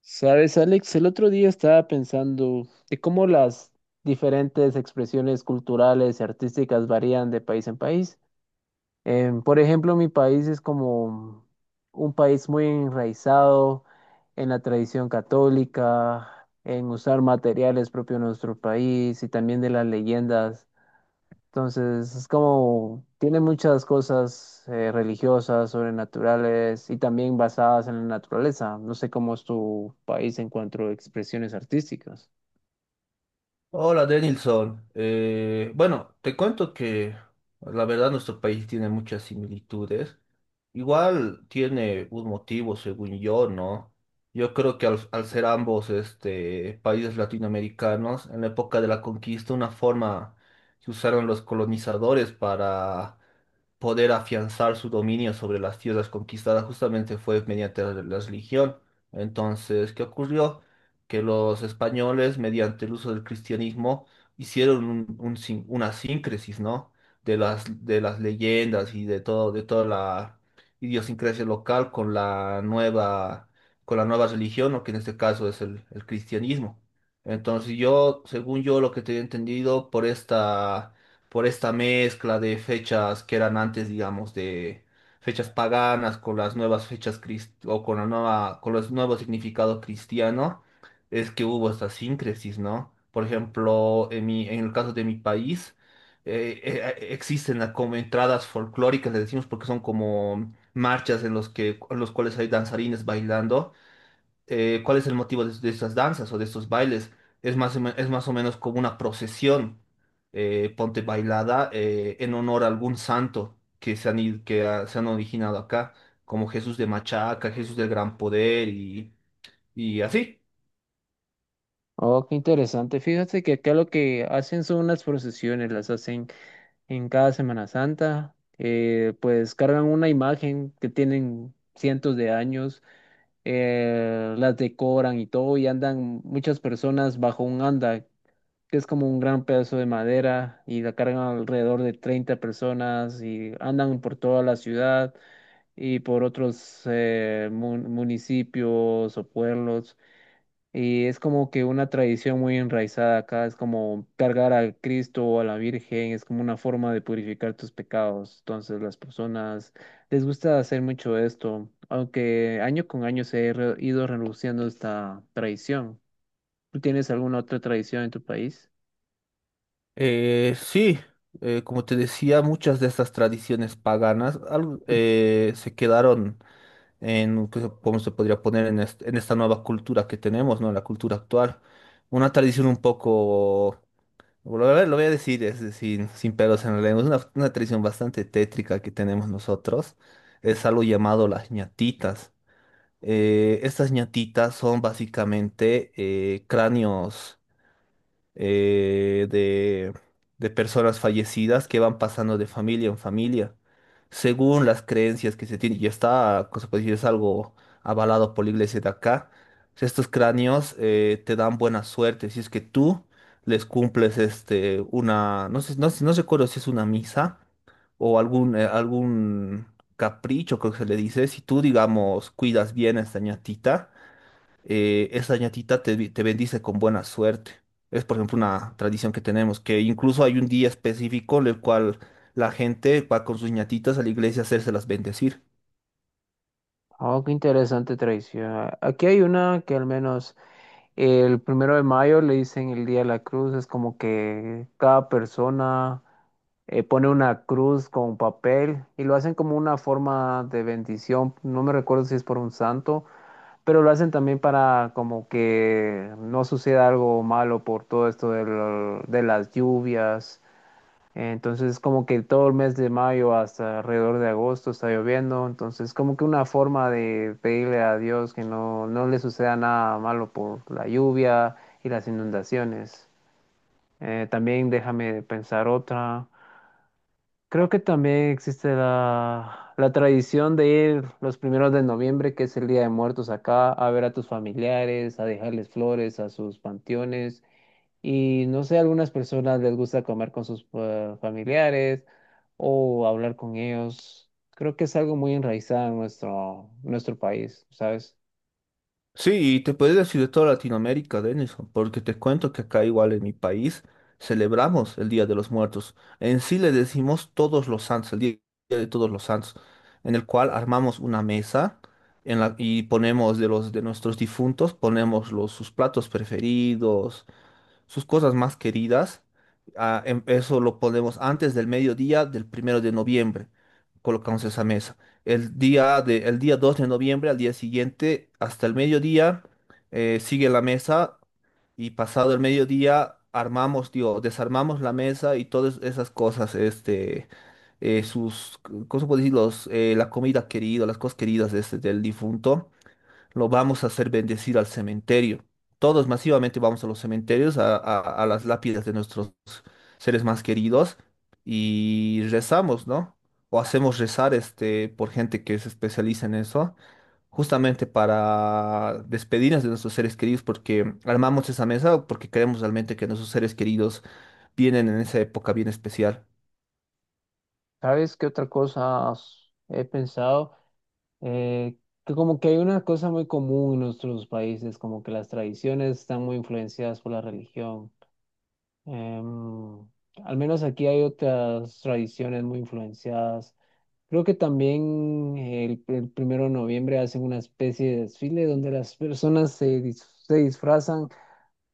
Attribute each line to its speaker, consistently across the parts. Speaker 1: Sabes, Alex, el otro día estaba pensando de cómo las diferentes expresiones culturales y artísticas varían de país en país. Por ejemplo, mi país es como un país muy enraizado en la tradición católica, en usar materiales propios de nuestro país y también de las leyendas, entonces, es como, tiene muchas cosas religiosas, sobrenaturales y también basadas en la naturaleza. No sé cómo es tu país en cuanto a expresiones artísticas.
Speaker 2: Hola, Denilson. Bueno, te cuento que la verdad nuestro país tiene muchas similitudes. Igual tiene un motivo, según yo, ¿no? Yo creo que al ser ambos países latinoamericanos, en la época de la conquista, una forma que usaron los colonizadores para poder afianzar su dominio sobre las tierras conquistadas justamente fue mediante la religión. Entonces, ¿qué ocurrió? Que los españoles, mediante el uso del cristianismo, hicieron un sin- una síncresis, ¿no? De las leyendas y de todo, de toda la idiosincrasia local con la nueva religión, ¿no? Que en este caso es el cristianismo. Entonces yo, según yo, lo que tenía entendido por esta mezcla de fechas que eran antes, digamos, de fechas paganas con las nuevas o con con los nuevos significados cristiano, es que hubo esta síncresis, ¿no? Por ejemplo, en el caso de mi país, existen las como entradas folclóricas, le decimos porque son como marchas en los cuales hay danzarines bailando. ¿Cuál es el motivo de estas danzas o de estos bailes? Es más o menos como una procesión, ponte bailada, en honor a algún santo que se han, id- que ah, se han originado acá, como Jesús de Machaca, Jesús del Gran Poder y así.
Speaker 1: Oh, qué interesante. Fíjate que acá lo que hacen son unas procesiones, las hacen en cada Semana Santa. Pues cargan una imagen que tienen cientos de años, las decoran y todo, y andan muchas personas bajo un anda que es como un gran pedazo de madera, y la cargan alrededor de 30 personas y andan por toda la ciudad y por otros municipios o pueblos. Y es como que una tradición muy enraizada acá, es como cargar a Cristo o a la Virgen, es como una forma de purificar tus pecados. Entonces las personas les gusta hacer mucho esto, aunque año con año se ha ido reduciendo esta tradición. ¿Tú tienes alguna otra tradición en tu país?
Speaker 2: Sí, como te decía, muchas de estas tradiciones paganas se quedaron. ¿Cómo se podría poner en esta nueva cultura que tenemos, ¿no? La cultura actual. Una tradición un poco. Lo voy a decir, es decir, sin pelos en la lengua. Es una tradición bastante tétrica que tenemos nosotros. Es algo llamado las ñatitas. Estas ñatitas son básicamente cráneos eh, de, de personas fallecidas que van pasando de familia en familia, según las creencias que se tienen. Y está, cosa se puede decir, es algo avalado por la iglesia de acá. Estos cráneos te dan buena suerte si es que tú les cumples una, no sé, no recuerdo si es una misa o algún capricho, creo que se le dice, si tú, digamos, cuidas bien a esta ñatita esa ñatita te bendice con buena suerte. Es, por ejemplo, una tradición que tenemos, que incluso hay un día específico en el cual la gente va con sus ñatitas a la iglesia a hacérselas bendecir.
Speaker 1: Oh, qué interesante tradición. Aquí hay una que, al menos el primero de mayo, le dicen el Día de la Cruz. Es como que cada persona pone una cruz con papel y lo hacen como una forma de bendición. No me recuerdo si es por un santo, pero lo hacen también para como que no suceda algo malo por todo esto de, de las lluvias. Entonces, como que todo el mes de mayo hasta alrededor de agosto está lloviendo. Entonces, como que una forma de pedirle a Dios que no le suceda nada malo por la lluvia y las inundaciones. También déjame pensar otra. Creo que también existe la tradición de ir los primeros de noviembre, que es el Día de Muertos acá, a ver a tus familiares, a dejarles flores a sus panteones. Y no sé, a algunas personas les gusta comer con sus familiares o hablar con ellos. Creo que es algo muy enraizado en nuestro país, ¿sabes?
Speaker 2: Sí, y te puedes decir de toda Latinoamérica, Denison, porque te cuento que acá igual en mi país celebramos el Día de los Muertos. En sí le decimos Todos los Santos, el Día de Todos los Santos, en el cual armamos una mesa y ponemos de nuestros difuntos, ponemos sus platos preferidos, sus cosas más queridas. Eso lo ponemos antes del mediodía del primero de noviembre. Colocamos esa mesa. El día 2 de noviembre, al día siguiente, hasta el mediodía, sigue la mesa y pasado el mediodía armamos, digo, desarmamos la mesa y todas esas cosas, sus, ¿cómo se puede decir? La comida querida, las cosas queridas del difunto lo vamos a hacer bendecir al cementerio. Todos masivamente vamos a los cementerios, a las lápidas de nuestros seres más queridos y rezamos, ¿no? O hacemos rezar por gente que se especializa en eso, justamente para despedirnos de nuestros seres queridos, porque armamos esa mesa porque queremos realmente que nuestros seres queridos vienen en esa época bien especial.
Speaker 1: ¿Sabes qué otra cosa he pensado? Eh, que como que hay una cosa muy común en nuestros países, como que las tradiciones están muy influenciadas por la religión. Em, al menos aquí hay otras tradiciones muy influenciadas. Creo que también el primero de noviembre hacen una especie de desfile donde las personas se disfrazan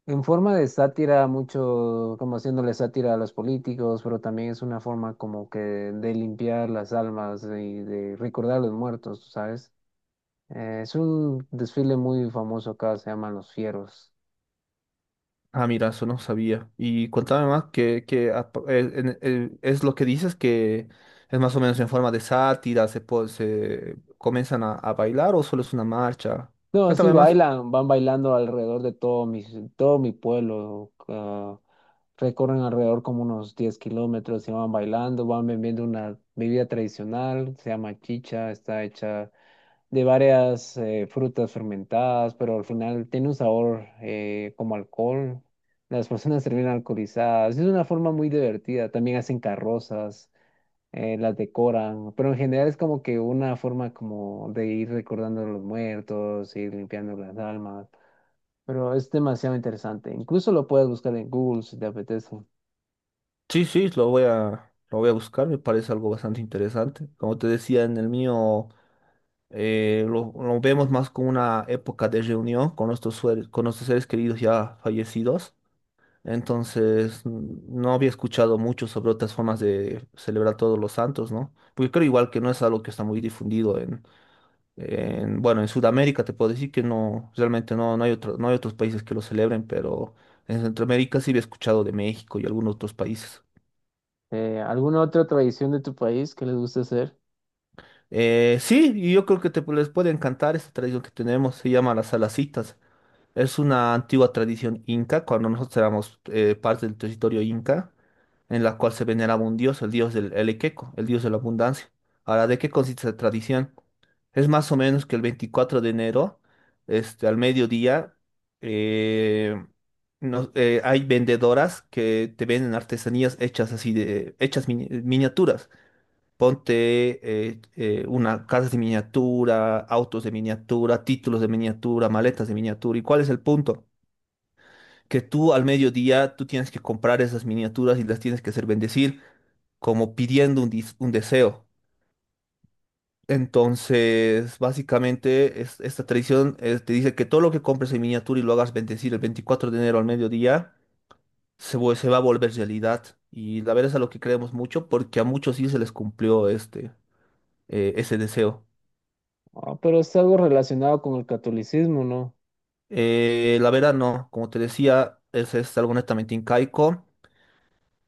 Speaker 1: en forma de sátira, mucho como haciéndole sátira a los políticos, pero también es una forma como que de limpiar las almas y de recordar a los muertos, ¿sabes? Es un desfile muy famoso acá, se llaman Los Fieros.
Speaker 2: Ah, mira, eso no sabía. Y cuéntame más, que es lo que dices que es más o menos en forma de sátira, se comienzan a bailar o solo es una marcha.
Speaker 1: No, sí
Speaker 2: Cuéntame más.
Speaker 1: bailan, van bailando alrededor de todo mi pueblo. Recorren alrededor como unos 10 kilómetros y van bailando, van bebiendo una bebida tradicional, se llama chicha, está hecha de varias frutas fermentadas, pero al final tiene un sabor como alcohol. Las personas terminan alcoholizadas. Es una forma muy divertida. También hacen carrozas, las decoran, pero en general es como que una forma como de ir recordando a los muertos, ir limpiando las almas, pero es demasiado interesante. Incluso lo puedes buscar en Google si te apetece.
Speaker 2: Sí, sí, lo voy a buscar, me parece algo bastante interesante. Como te decía en el mío, lo vemos más como una época de reunión con con nuestros seres queridos ya fallecidos. Entonces, no había escuchado mucho sobre otras formas de celebrar todos los santos, ¿no? Porque creo igual que no es algo que está muy difundido bueno, en Sudamérica te puedo decir que no, realmente no hay otros países que lo celebren, pero en Centroamérica sí había escuchado de México y algunos otros países.
Speaker 1: ¿Alguna otra tradición de tu país que les guste hacer?
Speaker 2: Sí, y yo creo que les puede encantar esta tradición que tenemos, se llama las salacitas. Es una antigua tradición inca, cuando nosotros éramos parte del territorio inca, en la cual se veneraba un dios, el dios del el Equeco, el dios de la abundancia. Ahora, ¿de qué consiste esta tradición? Es más o menos que el 24 de enero, al mediodía, eh, hay vendedoras que te venden artesanías hechas así de, hechas miniaturas. Ponte una casa de miniatura, autos de miniatura, títulos de miniatura, maletas de miniatura. ¿Y cuál es el punto? Que tú al mediodía tú tienes que comprar esas miniaturas y las tienes que hacer bendecir como pidiendo un deseo. Entonces, básicamente, esta tradición te dice que todo lo que compres en miniatura y lo hagas bendecir el 24 de enero al mediodía, se va a volver realidad. Y la verdad es a lo que creemos mucho porque a muchos sí se les cumplió ese deseo.
Speaker 1: Ah, pero es algo relacionado con el catolicismo, ¿no?
Speaker 2: La verdad no, como te decía, es algo netamente incaico.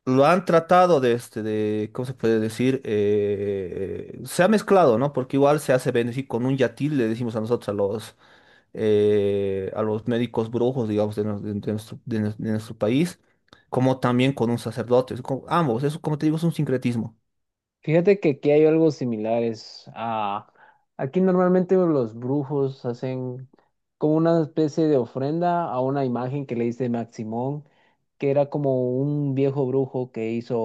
Speaker 2: Lo han tratado de, ¿cómo se puede decir? Se ha mezclado, ¿no? Porque igual se hace bendecir con un yatil, le decimos a nosotros, a los médicos brujos, digamos, de, nos- de nuestro, de nos- de nuestro país, como también con un sacerdote. Ambos, eso como te digo, es un sincretismo.
Speaker 1: Fíjate que aquí hay algo similar. Es... Ah, aquí normalmente los brujos hacen como una especie de ofrenda a una imagen que le hice Maximón, que era como un viejo brujo que hizo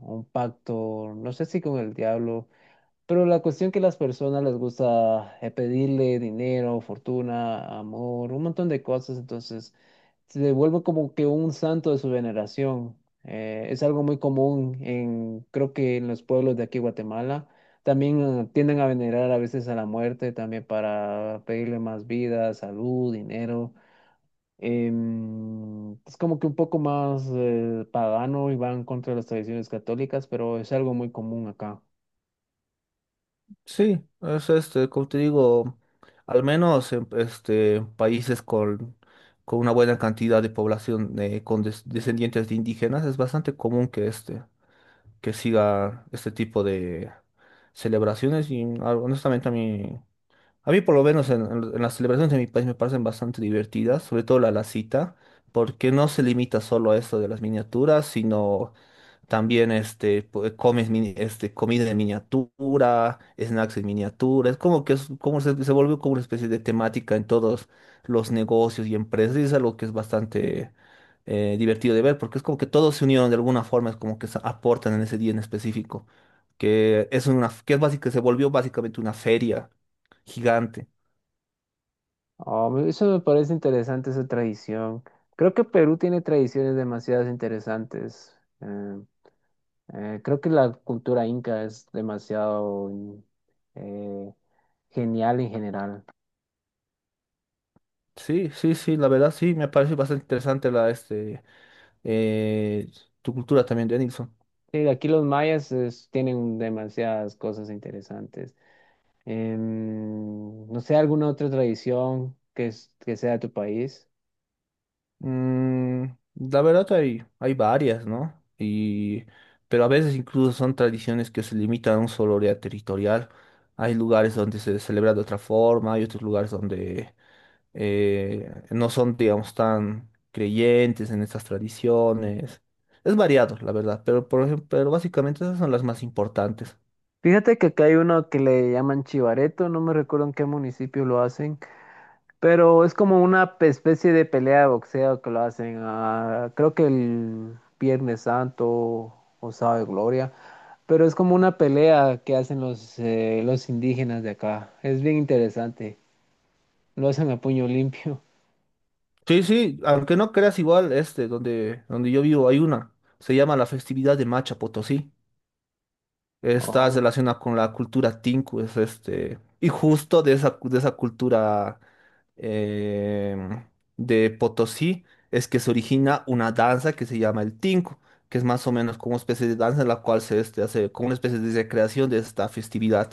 Speaker 1: un pacto, no sé si con el diablo. Pero la cuestión que a las personas les gusta pedirle dinero, fortuna, amor, un montón de cosas, entonces se vuelve como que un santo de su veneración. Es algo muy común en, creo que en los pueblos de aquí, Guatemala. También tienden a venerar a veces a la muerte, también para pedirle más vida, salud, dinero. Es como que un poco más pagano y van contra las tradiciones católicas, pero es algo muy común acá.
Speaker 2: Sí, es como te digo, al menos en países con una buena cantidad de población con descendientes de indígenas, es bastante común que siga este tipo de celebraciones y honestamente a mí por lo menos en las celebraciones de mi país me parecen bastante divertidas, sobre todo la cita, porque no se limita solo a esto de las miniaturas, sino también comida en miniatura, snacks en miniatura. Es como que como se volvió como una especie de temática en todos los negocios y empresas. Y es algo que es bastante divertido de ver, porque es como que todos se unieron de alguna forma, es como que se aportan en ese día en específico. Que es una, que es básica, se volvió básicamente una feria gigante.
Speaker 1: Eso me parece interesante, esa tradición. Creo que Perú tiene tradiciones demasiado interesantes. Creo que la cultura inca es demasiado eh, genial en general.
Speaker 2: Sí, sí, sí, la verdad sí, me parece bastante interesante eh, tu cultura también, Denilson.
Speaker 1: Sí, aquí los mayas tienen demasiadas cosas interesantes. No sé, alguna otra tradición que sea de tu país.
Speaker 2: Mm, la verdad hay varias, ¿no? Pero a veces incluso son tradiciones que se limitan a un solo área territorial. Hay lugares donde se celebra de otra forma, hay otros lugares donde no son, digamos, tan creyentes en estas tradiciones. Es variado, la verdad, pero, por ejemplo, pero básicamente esas son las más importantes.
Speaker 1: Fíjate que acá hay uno que le llaman chivareto, no me recuerdo en qué municipio lo hacen. Pero es como una especie de pelea de boxeo que lo hacen, ah, creo que el Viernes Santo o Sábado de Gloria, pero es como una pelea que hacen los indígenas de acá. Es bien interesante. Lo hacen a puño limpio.
Speaker 2: Sí, sí, aunque no creas igual, donde yo vivo hay una, se llama la festividad de Macha Potosí. Está
Speaker 1: Oh,
Speaker 2: relacionada con la cultura Tinku, y justo de esa cultura em, de Potosí es que se origina una danza que se llama el Tinku, que es más o menos como una especie de danza en la cual se hace como una especie de recreación de esta festividad.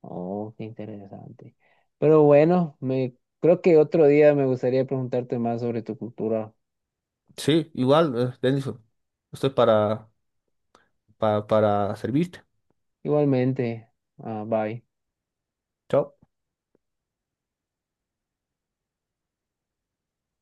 Speaker 1: oh, Qué interesante. Pero bueno, me creo que otro día me gustaría preguntarte más sobre tu cultura.
Speaker 2: Sí, igual, Denison, estoy para servirte.
Speaker 1: Igualmente, ah, bye.
Speaker 2: Chao.